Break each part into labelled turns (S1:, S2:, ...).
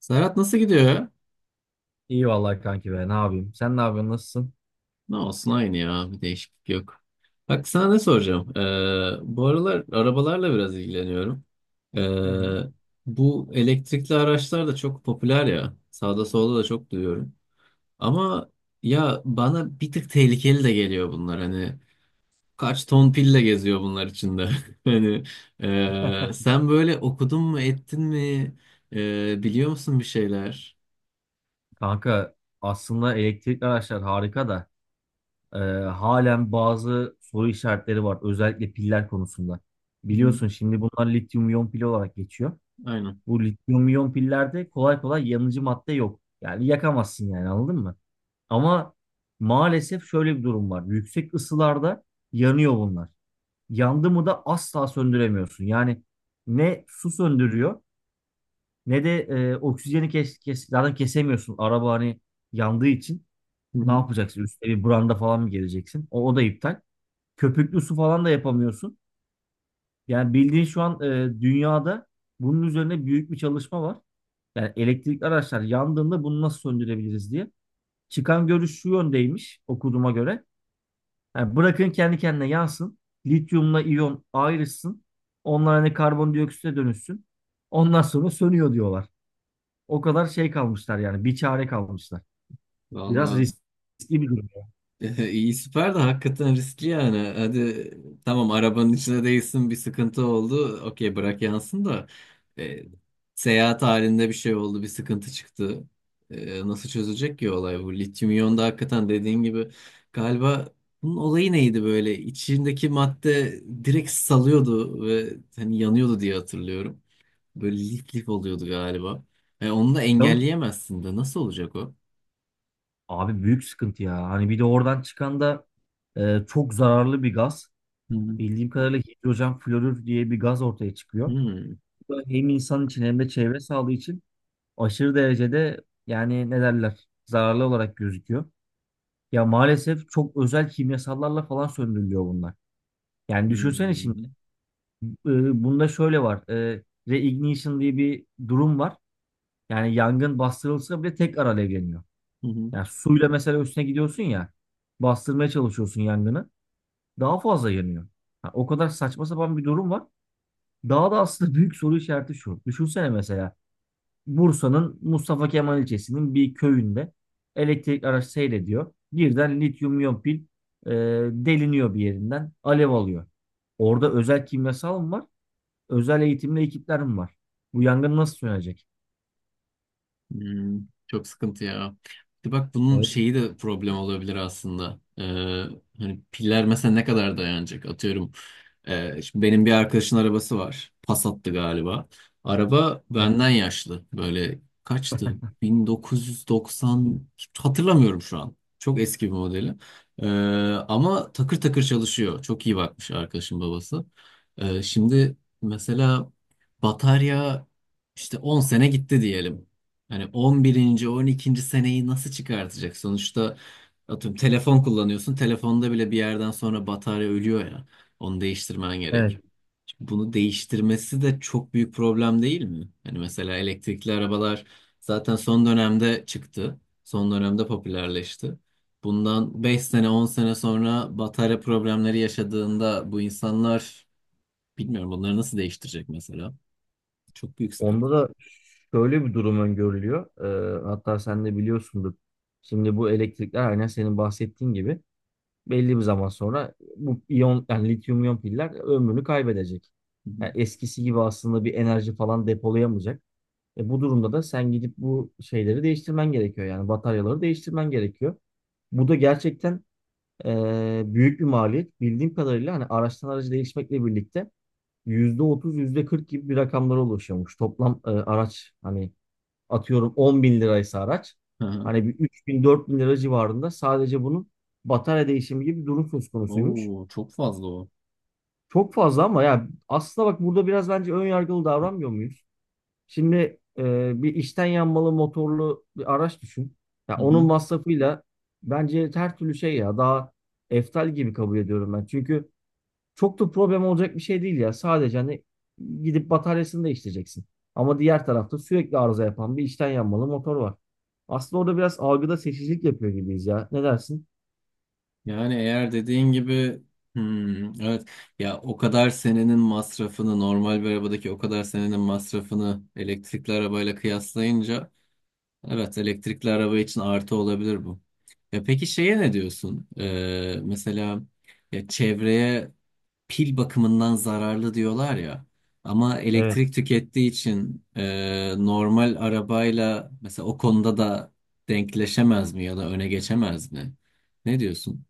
S1: Serhat nasıl gidiyor?
S2: İyi vallahi kanki be ne yapayım. Sen ne yapıyorsun, nasılsın?
S1: Ne olsun aynı ya. Bir değişiklik yok. Bak sana ne soracağım? Bu aralar arabalarla biraz ilgileniyorum. Ee,
S2: Hı hı.
S1: bu elektrikli araçlar da çok popüler ya. Sağda solda da çok duyuyorum. Ama ya bana bir tık tehlikeli de geliyor bunlar. Hani kaç ton pille geziyor bunlar içinde. Hani sen böyle okudun mu ettin mi? Biliyor musun bir şeyler?
S2: Kanka aslında elektrikli araçlar harika da e, halen bazı soru işaretleri var. Özellikle piller konusunda.
S1: Hı hı.
S2: Biliyorsun şimdi bunlar lityum iyon pil olarak geçiyor.
S1: Aynen.
S2: Bu lityum iyon pillerde kolay kolay yanıcı madde yok. Yani yakamazsın, yani anladın mı? Ama maalesef şöyle bir durum var. Yüksek ısılarda yanıyor bunlar. Yandı mı da asla söndüremiyorsun. Yani ne su söndürüyor ne de oksijeni kes, zaten kesemiyorsun. Araba hani yandığı için
S1: Hı
S2: ne
S1: hı.
S2: yapacaksın? Üstüne bir branda falan mı geleceksin? O da iptal. Köpüklü su falan da yapamıyorsun. Yani bildiğin şu an dünyada bunun üzerine büyük bir çalışma var. Yani elektrikli araçlar yandığında bunu nasıl söndürebiliriz diye. Çıkan görüş şu yöndeymiş okuduğuma göre. Yani bırakın kendi kendine yansın. Lityumla iyon ayrışsın. Onlar hani karbondioksite dönüşsün. Ondan sonra sönüyor diyorlar. O kadar şey kalmışlar, yani bir çare kalmışlar. Biraz
S1: Vallahi.
S2: riskli bir durum.
S1: İyi, süper de hakikaten riskli yani. Hadi tamam arabanın içine değilsin, bir sıkıntı oldu. Okey, bırak yansın da e, seyahat halinde bir şey oldu, bir sıkıntı çıktı. Nasıl çözecek ki olay bu? Lityum iyon da hakikaten dediğin gibi galiba, bunun olayı neydi böyle? İçindeki madde direkt salıyordu ve hani yanıyordu diye hatırlıyorum. Böyle lif lif oluyordu galiba. Onu da
S2: Tabii
S1: engelleyemezsin de nasıl olacak o?
S2: abi, büyük sıkıntı ya. Hani bir de oradan çıkan da çok zararlı bir gaz.
S1: Hı hı.
S2: Bildiğim kadarıyla hidrojen florür diye bir gaz ortaya çıkıyor.
S1: Hmm.
S2: Bu da hem insan için hem de çevre sağlığı için aşırı derecede, yani ne derler, zararlı olarak gözüküyor. Ya maalesef çok özel kimyasallarla falan söndürülüyor bunlar. Yani düşünsene şimdi
S1: Hmm.
S2: bunda şöyle var. Reignition diye bir durum var. Yani yangın bastırılsa bile tekrar alevleniyor.
S1: Hı hı.
S2: Yani suyla mesela üstüne gidiyorsun ya, bastırmaya çalışıyorsun yangını, daha fazla yanıyor. Ha, o kadar saçma sapan bir durum var. Daha da aslında büyük soru işareti şu. Düşünsene mesela Bursa'nın Mustafa Kemal ilçesinin bir köyünde elektrik araç seyrediyor. Birden lityum iyon pil e, deliniyor bir yerinden, alev alıyor. Orada özel kimyasal mı var? Özel eğitimli ekipler mi var? Bu yangın nasıl sönecek?
S1: Hmm, çok sıkıntı ya. Bir de bak, bunun
S2: Evet.
S1: şeyi de problem olabilir aslında. Hani piller mesela ne kadar dayanacak? Atıyorum. Şimdi benim bir arkadaşın arabası var. Passat'tı galiba. Araba benden yaşlı. Böyle kaçtı? 1990, hatırlamıyorum şu an. Çok eski bir modeli. Ee, ama takır takır çalışıyor. Çok iyi bakmış arkadaşın babası. Şimdi mesela batarya işte 10 sene gitti diyelim. Hani on birinci, 12. seneyi nasıl çıkartacak? Sonuçta atıyorum telefon kullanıyorsun. Telefonda bile bir yerden sonra batarya ölüyor ya. Onu değiştirmen gerek.
S2: Evet.
S1: Şimdi bunu değiştirmesi de çok büyük problem değil mi? Hani mesela elektrikli arabalar zaten son dönemde çıktı. Son dönemde popülerleşti. Bundan 5 sene 10 sene sonra batarya problemleri yaşadığında bu insanlar, bilmiyorum, bunları nasıl değiştirecek mesela? Çok büyük
S2: Onda
S1: sıkıntı.
S2: da şöyle bir durum öngörülüyor. Hatta sen de biliyorsundur. Şimdi bu elektrikler aynen senin bahsettiğin gibi belli bir zaman sonra bu iyon, yani lityum iyon piller ömrünü kaybedecek.
S1: Hı hı.
S2: Yani eskisi gibi aslında bir enerji falan depolayamayacak. E bu durumda da sen gidip bu şeyleri değiştirmen gerekiyor. Yani bataryaları değiştirmen gerekiyor. Bu da gerçekten büyük bir maliyet. Bildiğim kadarıyla hani araçtan araca değişmekle birlikte %30, %40 gibi bir rakamlara ulaşıyormuş. Toplam araç hani atıyorum 10 bin liraysa araç
S1: Hı hı.
S2: hani bir 3 bin 4 bin lira civarında sadece bunun batarya değişimi gibi bir durum söz konusuymuş.
S1: Oo, çok fazla o.
S2: Çok fazla ama ya aslında bak, burada biraz bence ön yargılı davranmıyor muyuz? Şimdi bir içten yanmalı motorlu bir araç düşün. Ya onun masrafıyla bence her türlü şey, ya daha eftal gibi kabul ediyorum ben. Çünkü çok da problem olacak bir şey değil ya. Sadece hani gidip bataryasını değiştireceksin. Ama diğer tarafta sürekli arıza yapan bir içten yanmalı motor var. Aslında orada biraz algıda seçicilik yapıyor gibiyiz ya. Ne dersin?
S1: Yani eğer dediğin gibi, evet, ya o kadar senenin masrafını, normal bir arabadaki o kadar senenin masrafını elektrikli arabayla kıyaslayınca, evet, elektrikli araba için artı olabilir bu. Ya peki, şeye ne diyorsun? Mesela, ya çevreye pil bakımından zararlı diyorlar ya. Ama
S2: Evet.
S1: elektrik tükettiği için normal arabayla mesela o konuda da denkleşemez mi, ya da öne geçemez mi? Ne diyorsun?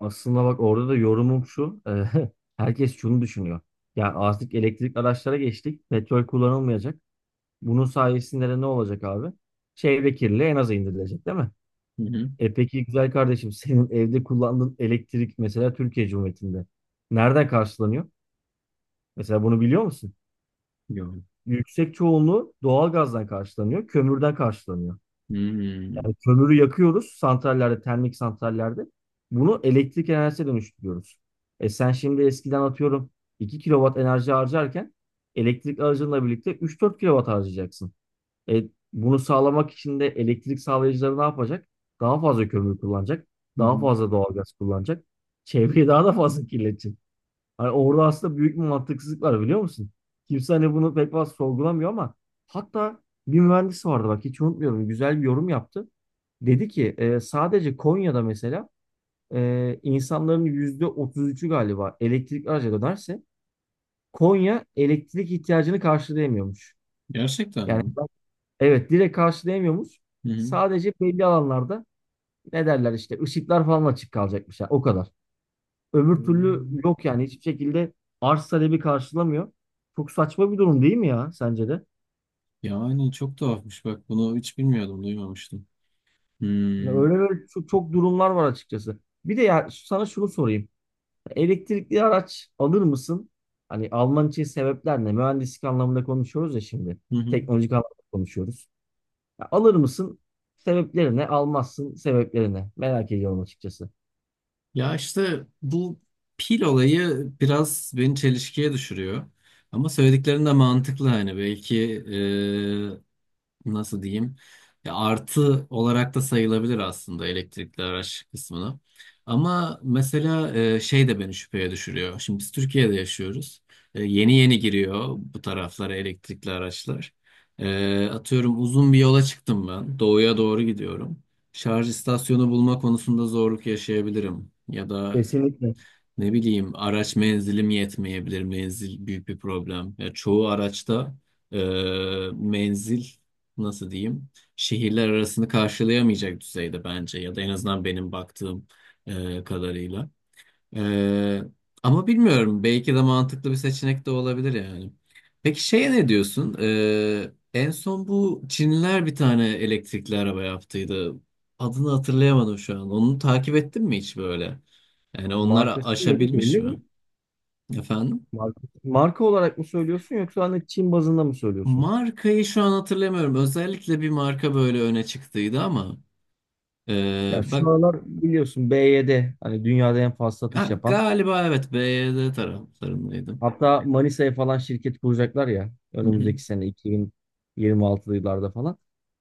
S2: Aslında bak, orada da yorumum şu. Herkes şunu düşünüyor. Ya artık elektrikli araçlara geçtik. Petrol kullanılmayacak. Bunun sayesinde de ne olacak abi? Çevre kirliliği en aza indirilecek değil mi? E peki güzel kardeşim, senin evde kullandığın elektrik mesela Türkiye Cumhuriyeti'nde nereden karşılanıyor? Mesela bunu biliyor musun?
S1: Yok.
S2: Yüksek çoğunluğu doğalgazdan karşılanıyor, kömürden karşılanıyor.
S1: Hmm.
S2: Yani kömürü yakıyoruz santrallerde, termik santrallerde. Bunu elektrik enerjisine dönüştürüyoruz. E sen şimdi eskiden atıyorum 2 kilowatt enerji harcarken, elektrik aracınla birlikte 3 4 kilowatt harcayacaksın. E bunu sağlamak için de elektrik sağlayıcıları ne yapacak? Daha fazla kömür kullanacak,
S1: Hı
S2: daha
S1: hı.
S2: fazla doğalgaz kullanacak. Çevreyi daha da fazla kirletecek. Hani orada aslında büyük bir mantıksızlık var, biliyor musun? Kimse hani bunu pek fazla sorgulamıyor ama hatta bir mühendis vardı, bak hiç unutmuyorum, güzel bir yorum yaptı. Dedi ki sadece Konya'da mesela insanların %33'ü galiba elektrikli araca dönerse Konya elektrik ihtiyacını karşılayamıyormuş.
S1: Gerçekten
S2: Yani
S1: mi?
S2: evet, direkt karşılayamıyormuş.
S1: Hı hı.
S2: Sadece belli alanlarda, ne derler işte, ışıklar falan açık kalacakmış. Yani o kadar. Öbür türlü
S1: Hmm.
S2: yok, yani hiçbir şekilde arz talebi karşılamıyor. Çok saçma bir durum değil mi ya, sence de?
S1: Yani çok tuhafmış, bak bunu hiç bilmiyordum, duymamıştım.
S2: Yani
S1: Hmm.
S2: öyle böyle çok, çok durumlar var açıkçası. Bir de ya sana şunu sorayım. Elektrikli araç alır mısın? Hani alman için sebepler ne? Mühendislik anlamında konuşuyoruz ya şimdi.
S1: Hı hı.
S2: Teknolojik anlamda konuşuyoruz. Ya alır mısın? Sebepleri ne? Almazsın, sebepleri ne? Merak ediyorum açıkçası.
S1: Ya işte bu pil olayı biraz beni çelişkiye düşürüyor. Ama söylediklerin de mantıklı, hani belki, nasıl diyeyim, ya artı olarak da sayılabilir aslında elektrikli araç kısmına. Ama mesela şey de beni şüpheye düşürüyor. Şimdi biz Türkiye'de yaşıyoruz. Yeni yeni giriyor bu taraflara elektrikli araçlar. Atıyorum uzun bir yola çıktım ben. Doğuya doğru gidiyorum. Şarj istasyonu bulma konusunda zorluk yaşayabilirim. Ya da
S2: Kesinlikle.
S1: ne bileyim, araç menzilim yetmeyebilir. Menzil büyük bir problem. Ya çoğu araçta e, menzil, nasıl diyeyim, şehirler arasını karşılayamayacak düzeyde bence, ya da en azından benim baktığım kadarıyla. Ee, ama bilmiyorum. Belki de mantıklı bir seçenek de olabilir yani. Peki şeye ne diyorsun? En son bu Çinliler bir tane elektrikli araba yaptıydı. Adını hatırlayamadım şu an. Onu takip ettin mi hiç böyle? Yani onlar
S2: Markası neydi,
S1: aşabilmiş
S2: belli
S1: mi?
S2: mi?
S1: Efendim?
S2: Marka olarak mı söylüyorsun yoksa hani Çin bazında mı söylüyorsun?
S1: Markayı şu an hatırlamıyorum. Özellikle bir marka böyle öne çıktıydı ama
S2: Ya şu
S1: bak.
S2: aralar biliyorsun BYD hani dünyada en fazla satış
S1: Ha,
S2: yapan.
S1: galiba evet, BYD taraflarındaydım.
S2: Hatta Manisa'ya falan şirket kuracaklar ya, önümüzdeki sene, 2026'lı yıllarda falan.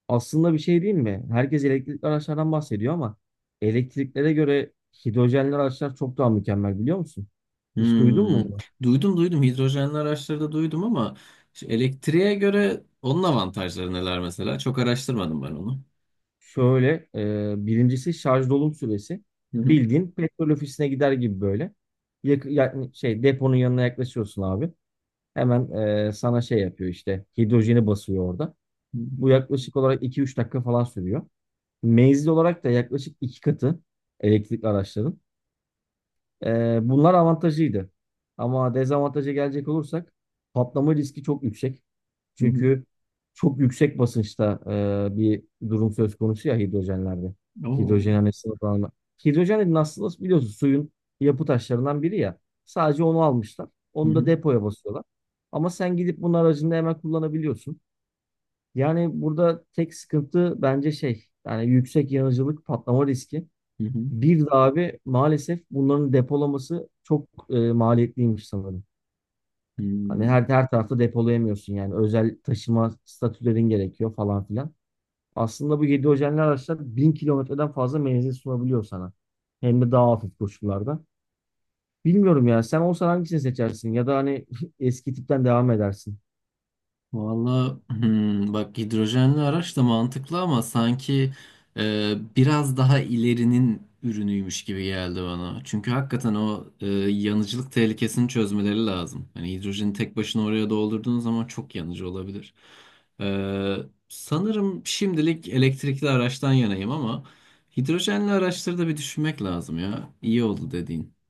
S2: Aslında bir şey değil mi? Herkes elektrikli araçlardan bahsediyor ama elektriklere göre hidrojenli araçlar çok daha mükemmel, biliyor musun? Hiç duydun
S1: Hmm.
S2: mu bunu?
S1: Duydum duydum, hidrojenli araçlarda duydum, ama şu elektriğe göre onun avantajları neler mesela? Çok araştırmadım ben onu.
S2: Şöyle, birincisi şarj dolum süresi.
S1: Hı hı.
S2: Bildiğin petrol ofisine gider gibi böyle. Yani şey, deponun yanına yaklaşıyorsun abi. Hemen sana şey yapıyor, işte hidrojeni basıyor orada. Bu yaklaşık olarak iki üç dakika falan sürüyor. Menzil olarak da yaklaşık 2 katı elektrikli araçların. Bunlar avantajıydı. Ama dezavantaja gelecek olursak, patlama riski çok yüksek.
S1: Hı hı.
S2: Çünkü çok yüksek basınçta bir durum söz konusu ya hidrojenlerde.
S1: Oo.
S2: Hidrojen hani sıvılanma. Hidrojen, nasıl biliyorsun, suyun yapı taşlarından biri ya. Sadece onu almışlar.
S1: Hı
S2: Onu da
S1: hı.
S2: depoya basıyorlar. Ama sen gidip bunun aracında hemen kullanabiliyorsun. Yani burada tek sıkıntı bence şey, yani yüksek yanıcılık, patlama riski.
S1: Hı hı.
S2: Bir de abi maalesef bunların depolaması çok maliyetliymiş sanırım. Hani her
S1: Hmm.
S2: her tarafta depolayamıyorsun, yani özel taşıma statülerin gerekiyor falan filan. Aslında bu yedi hidrojenli araçlar 1000 kilometreden fazla menzil sunabiliyor sana. Hem de daha hafif koşullarda. Bilmiyorum ya, sen olsan hangisini seçersin ya da hani eski tipten devam edersin.
S1: Valla, bak, hidrojenli araç da mantıklı ama sanki biraz daha ilerinin ürünüymüş gibi geldi bana. Çünkü hakikaten o, yanıcılık tehlikesini çözmeleri lazım. Hani hidrojeni tek başına oraya doldurduğun zaman çok yanıcı olabilir. E, sanırım şimdilik elektrikli araçtan yanayım ama hidrojenli araçları da bir düşünmek lazım ya. İyi oldu dediğin.